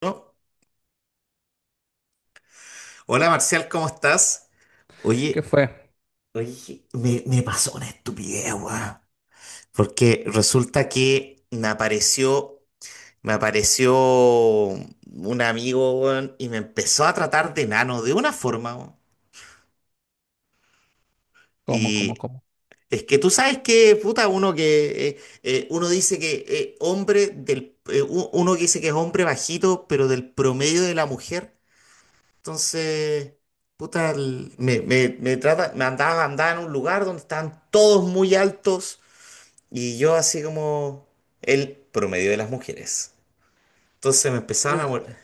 ¿No? Hola, Marcial, ¿cómo estás? ¿Qué Oye, fue? oye, me pasó una estupidez, weón. Porque resulta que me apareció un amigo, weón, y me empezó a tratar de nano de una forma, weón. ¿Cómo, cómo, Y cómo? es que tú sabes que, puta, uno dice que hombre uno que dice que es hombre bajito, pero del promedio de la mujer. Entonces, puta, el- me trata, me andaba, andaba en un lugar donde estaban todos muy altos, y yo así como el promedio de las mujeres. Entonces me empezaron a... vol-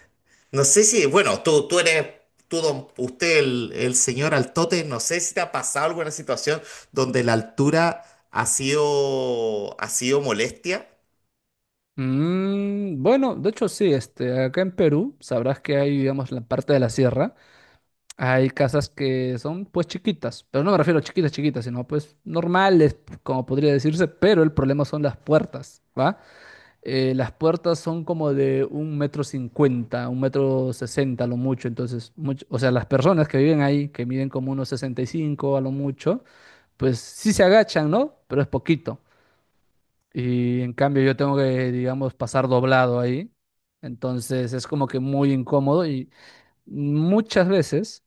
no sé si, bueno, tú eres, tú, don- usted, el señor Altote, no sé si te ha pasado alguna situación donde la altura ha sido molestia. Bueno, de hecho sí, este, acá en Perú sabrás que hay, digamos, la parte de la sierra, hay casas que son pues chiquitas, pero no me refiero a chiquitas, chiquitas, sino pues normales, como podría decirse, pero el problema son las puertas, ¿va? Las puertas son como de un metro cincuenta, un metro sesenta a lo mucho, entonces, o sea, las personas que viven ahí, que miden como unos sesenta y cinco a lo mucho, pues sí se agachan, ¿no? Pero es poquito. Y en cambio yo tengo que, digamos, pasar doblado ahí. Entonces es como que muy incómodo y muchas veces,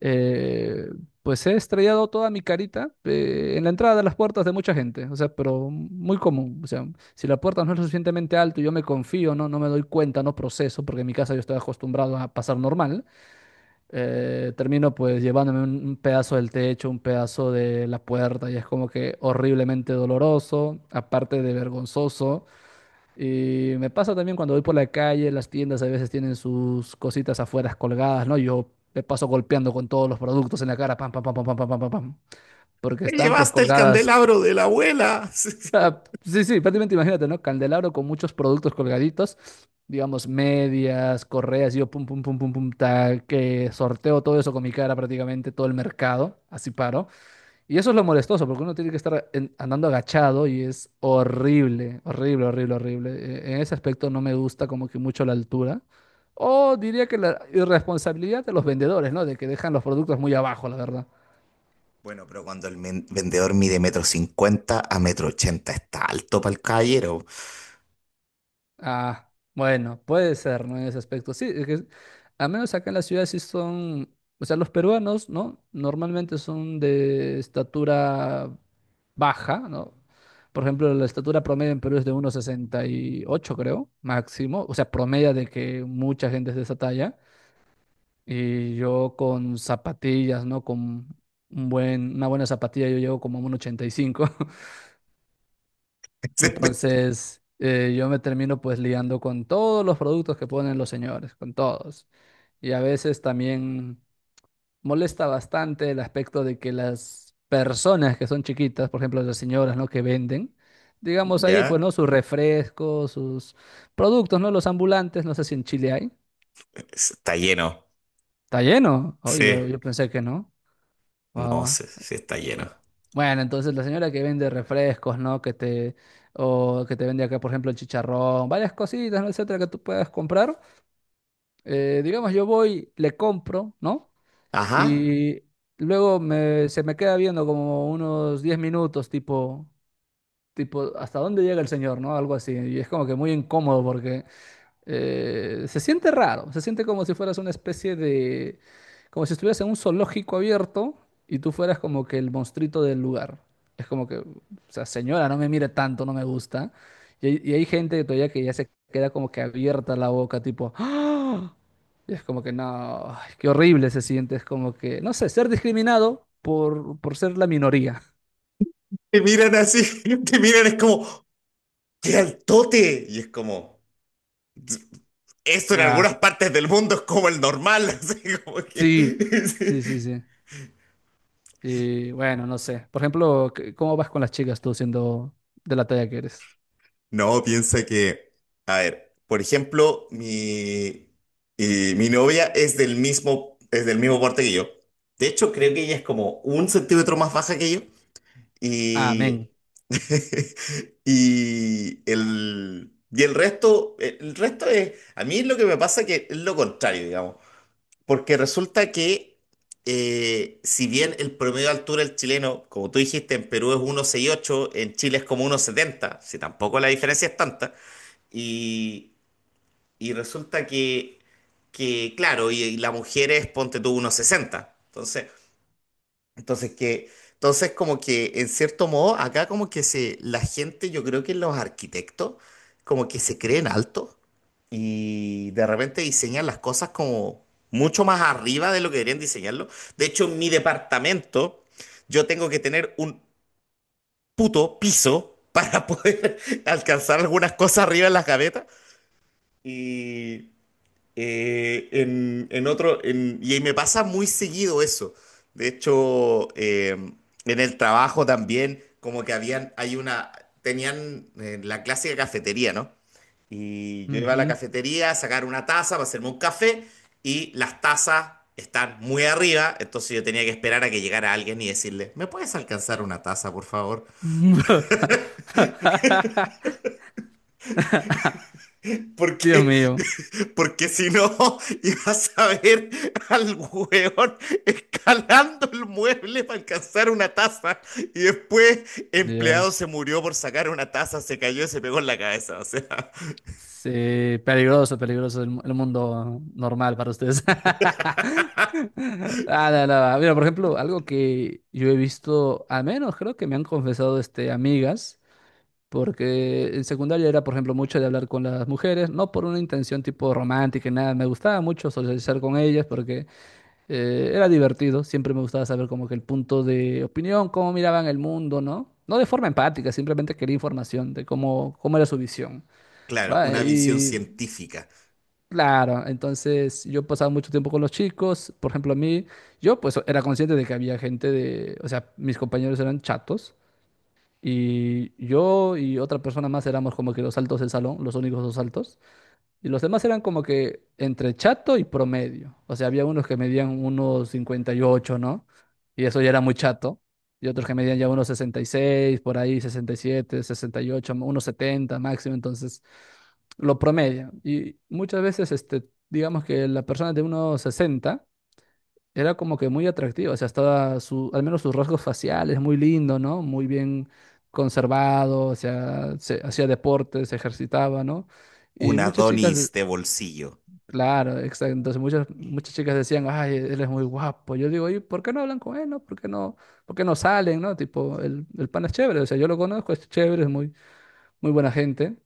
eh, pues he estrellado toda mi carita en la entrada de las puertas de mucha gente. O sea, pero muy común. O sea, si la puerta no es lo suficientemente alta y yo me confío, no, no me doy cuenta, no proceso, porque en mi casa yo estoy acostumbrado a pasar normal, termino pues llevándome un pedazo del techo, un pedazo de la puerta y es como que horriblemente doloroso, aparte de vergonzoso. Y me pasa también cuando voy por la calle, las tiendas a veces tienen sus cositas afuera colgadas, ¿no? Yo me paso golpeando con todos los productos en la cara, pam, pam, pam, pam, pam, pam, pam, pam, pam, porque Te están pues llevaste el colgadas. candelabro de la abuela. Sí, sí, prácticamente imagínate, ¿no? Candelabro con muchos productos colgaditos, digamos, medias, correas, yo pum, pum, pum, pum, pum, tal, que sorteo todo eso con mi cara prácticamente, todo el mercado, así paro. Y eso es lo molestoso, porque uno tiene que estar andando agachado y es horrible, horrible, horrible, horrible. En ese aspecto no me gusta como que mucho la altura. O diría que la irresponsabilidad de los vendedores, ¿no? De que dejan los productos muy abajo, la verdad. Bueno, pero cuando vendedor mide 1,50 m a 1,80 m, está alto para el caballero. Ah, bueno, puede ser, ¿no? En ese aspecto. Sí, es que al menos acá en la ciudad sí son, o sea, los peruanos, ¿no? Normalmente son de estatura baja, ¿no? Por ejemplo, la estatura promedio en Perú es de uno sesenta y ocho, creo, máximo. O sea, promedio de que mucha gente es de esa talla. Y yo con zapatillas, ¿no? Con un buen, una buena zapatilla yo llego como a un uno ochenta y cinco. Entonces, yo me termino pues liando con todos los productos que ponen los señores, con todos. Y a veces también molesta bastante el aspecto de que las personas que son chiquitas, por ejemplo, las señoras, ¿no? Que venden, digamos ahí, pues, ¿no? ¿Ya? Sus refrescos, sus productos, ¿no? Los ambulantes, no sé si en Chile hay. Está lleno. Está lleno. Oye, Sí. yo pensé que no. Guau, No sé guau. si está lleno. Bueno, entonces la señora que vende refrescos, ¿no? O que te vende acá, por ejemplo, el chicharrón, varias cositas, ¿no? Etcétera, que tú puedas comprar. Digamos, yo voy, le compro, ¿no? Ajá. Y luego se me queda viendo como unos 10 minutos, tipo, ¿hasta dónde llega el señor, ¿no? Algo así. Y es como que muy incómodo porque se siente raro, se siente como si fueras una especie de, como si estuvieras en un zoológico abierto y tú fueras como que el monstruito del lugar. Es como que, o sea, señora, no me mire tanto, no me gusta. Y, hay gente que todavía que ya se queda como que abierta la boca, tipo, ¡Ah! Y es como que no, ay, qué horrible se siente, es como que, no sé, ser discriminado por ser la minoría. Te miran así, te miran, es como, ¡qué altote! Y es como, esto en Ah, algunas partes del mundo es como el normal, así como que. sí, sí, sí, sí. Y bueno, no sé. Por ejemplo, ¿cómo vas con las chicas tú siendo de la talla que eres? No, piensa que, a ver, por ejemplo, y mi novia es del mismo porte que yo. De hecho, creo que ella es como 1 centímetro más baja que yo. Amén. Y, a mí lo que me pasa que es lo contrario, digamos. Porque resulta que, si bien el promedio de altura del chileno, como tú dijiste, en Perú es 1,68, en Chile es como 1,70, si tampoco la diferencia es tanta, y, y resulta que, claro, y la mujer es, ponte tú, unos sesenta. Entonces como que en cierto modo, acá como que la gente, yo creo que los arquitectos, como que se creen altos y de repente diseñan las cosas como mucho más arriba de lo que deberían diseñarlo. De hecho, en mi departamento, yo tengo que tener un puto piso para poder alcanzar algunas cosas arriba en las gavetas. Y, y me pasa muy seguido eso. De hecho, en el trabajo también, como que tenían la clásica cafetería, ¿no? Y yo iba a la Ujú. cafetería a sacar una taza para hacerme un café, y las tazas están muy arriba, entonces yo tenía que esperar a que llegara alguien y decirle, ¿me puedes alcanzar una taza, por favor? Dios Porque mío. porque si no, ibas a ver al hueón escalando el mueble para alcanzar una taza. Y después, empleado Dios. se murió por sacar una taza, se cayó y se pegó en la cabeza. O sea, Sí, peligroso, peligroso el mundo normal para ustedes. Ah, no, no. Mira, por ejemplo, algo que yo he visto, al menos creo que me han confesado este, amigas. Porque en secundaria era, por ejemplo, mucho de hablar con las mujeres, no por una intención tipo romántica y nada, me gustaba mucho socializar con ellas porque era divertido, siempre me gustaba saber como que el punto de opinión, cómo miraban el mundo, ¿no? No de forma empática, simplemente quería información de cómo era su visión, claro, ¿va? una visión Y científica. claro, entonces yo pasaba mucho tiempo con los chicos, por ejemplo, a mí, yo pues era consciente de que había gente de, o sea, mis compañeros eran chatos. Y yo y otra persona más éramos como que los altos del salón, los únicos dos altos. Y los demás eran como que entre chato y promedio. O sea, había unos que medían unos cincuenta y ocho, ¿no? Y eso ya era muy chato. Y otros que medían ya unos sesenta y seis, por ahí sesenta, sesenta y siete, sesenta y ocho, unos 70 máximo. Entonces, lo promedio. Y muchas veces, este, digamos que la persona de unos 60 era como que muy atractiva, o sea, estaba su, al menos sus rasgos faciales, muy lindo, ¿no? Muy bien conservado, o sea, hacía deporte, se ejercitaba, ¿no? Y Un muchas chicas, Adonis de bolsillo. claro, exacto, entonces muchas, muchas chicas decían, ay, él es muy guapo. Yo digo, ¿y por qué no hablan con él, no? ¿Por qué no salen, no? Tipo, el pan es chévere, o sea, yo lo conozco, es chévere, es muy, muy buena gente.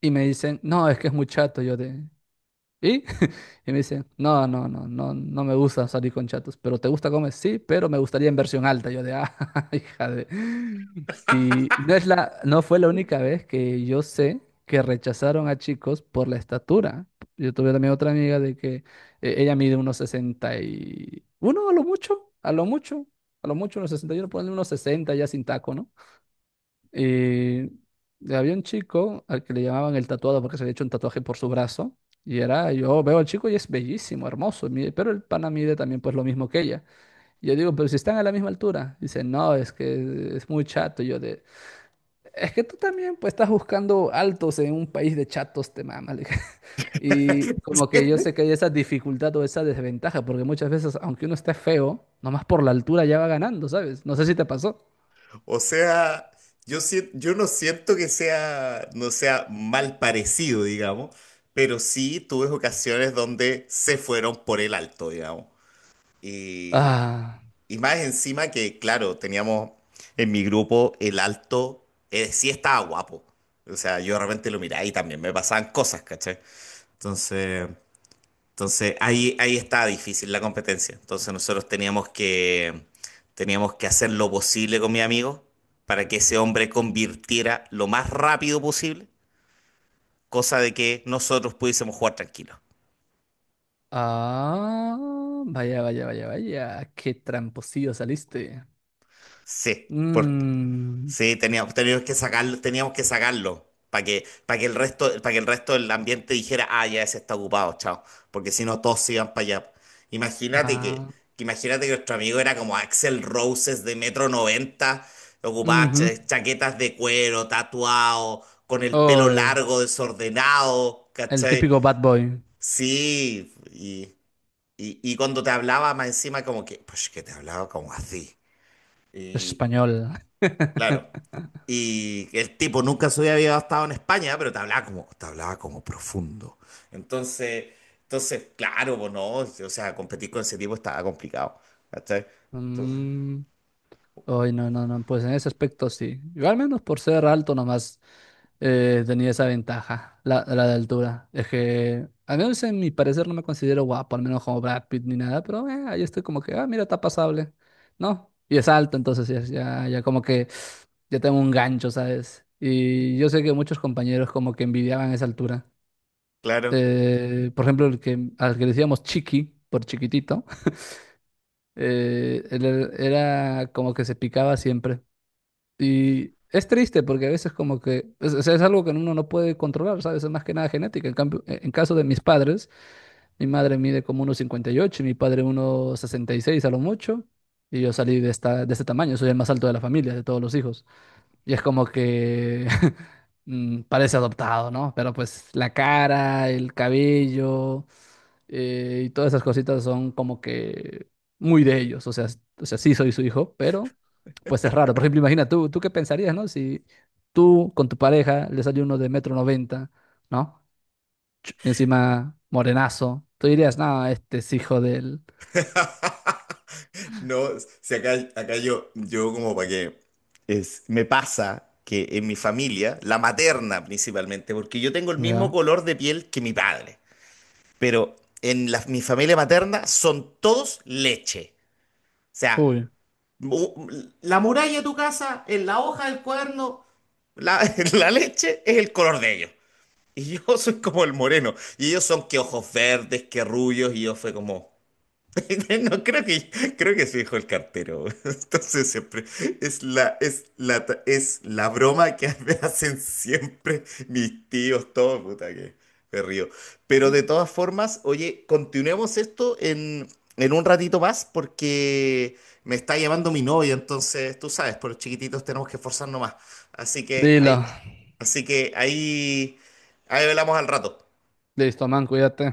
Y me dicen, no, es que es muy chato, yo de, ¿y? Y me dice, no, no, no, no, no me gusta salir con chatos, pero ¿te gusta comer? Sí, pero me gustaría en versión alta. Yo de, ah, hija de... Y no fue la única vez que yo sé que rechazaron a chicos por la estatura. Yo tuve también otra amiga de que ella mide unos 61 a lo mucho, a lo mucho, a lo mucho unos 61, ponle unos 60 ya sin taco, ¿no? Y había un chico al que le llamaban el tatuado porque se había hecho un tatuaje por su brazo. Yo veo al chico y es bellísimo, hermoso, y pero el pana mide también pues lo mismo que ella. Y yo digo, pero si están a la misma altura. Dice, no, es que es muy chato. Y yo de, es que tú también pues estás buscando altos en un país de chatos, te mama. Le dije. Y como que yo sé que hay esa dificultad o esa desventaja, porque muchas veces, aunque uno esté feo, nomás por la altura ya va ganando, ¿sabes? No sé si te pasó. O sea, yo no siento que sea, no sea mal parecido, digamos, pero sí tuve ocasiones donde se fueron por el alto, digamos. Y, Ah. y más encima que, claro, teníamos en mi grupo el alto, sí estaba guapo. O sea, yo de repente lo miraba y también me pasaban cosas, ¿cachai? Entonces, entonces ahí, ahí estaba difícil la competencia. Entonces nosotros teníamos que hacer lo posible con mi amigo para que ese hombre convirtiera lo más rápido posible, cosa de que nosotros pudiésemos jugar tranquilos. Ah, vaya, vaya, vaya, vaya. Qué tramposillo saliste. Sí, por- Mm, Sí, teníamos que sacarlo para que el resto del ambiente dijera, ah, ya ese está ocupado, chao. Porque si no, todos se iban para allá. Imagínate que, ah, imagínate que nuestro amigo era como Axel Roses de 1,90 m, ocupaba ujú. Chaquetas de cuero, tatuado, con el pelo Oh, largo, desordenado, el ¿cachai? típico bad boy Sí, y cuando te hablaba más encima como que, pues que te hablaba como así. Y, español. Claro. Y el tipo nunca se había estado en España, pero te hablaba como profundo. Entonces, claro, pues no, o sea, competir con ese tipo estaba complicado. ¿Cachai? Entonces, Mm, Ay, no, no, no. Pues en ese aspecto sí. Yo al menos por ser alto nomás. Tenía esa ventaja, la de altura. Es que, al menos en mi parecer, no me considero guapo, al menos como Brad Pitt ni nada, pero ahí estoy como que, ah, mira, está pasable, ¿no? Y es alto, entonces ya, ya, ya como que ya tengo un gancho, ¿sabes? Y yo sé que muchos compañeros como que envidiaban esa altura. claro. Por ejemplo, al que le decíamos Chiqui, por chiquitito, él era como que se picaba siempre. Y es triste porque a veces como que o es algo que uno no puede controlar, ¿sabes? Es más que nada genética. En cambio, en caso de mis padres, mi madre mide como uno cincuenta y ocho y mi padre uno sesenta y seis a lo mucho. Y yo salí de este tamaño, soy el más alto de la familia, de todos los hijos. Y es como que parece adoptado, ¿no? Pero pues la cara, el cabello y todas esas cositas son como que muy de ellos. O sea, o sea, sí soy su hijo, pero pues es raro. Por ejemplo, imagina tú, ¿tú qué pensarías, ¿no? Si tú con tu pareja le sale uno de metro noventa, ¿no? Encima morenazo. Tú dirías, no, este es hijo del... No, si acá yo, yo como para que es, me pasa que en mi familia, la materna principalmente, porque yo tengo el mismo Ya. color de piel que mi padre, pero mi familia materna son todos leche. O sea, Uy. mu- la muralla de tu casa, en la hoja del cuaderno, la, la leche es el color de ellos. Y yo soy como el moreno. Y ellos son que ojos verdes, que rubios. Y yo fue como, no, creo que se dijo el cartero. Entonces siempre es la broma que me hacen siempre mis tíos, todo, puta que me río. Pero de Mm. todas formas, oye, continuemos esto en un ratito más, porque me está llamando mi novia, entonces tú sabes, por los chiquititos tenemos que esforzarnos más. Así que Dilo. ahí, así que ahí, ahí hablamos al rato. Listo, man, cuídate.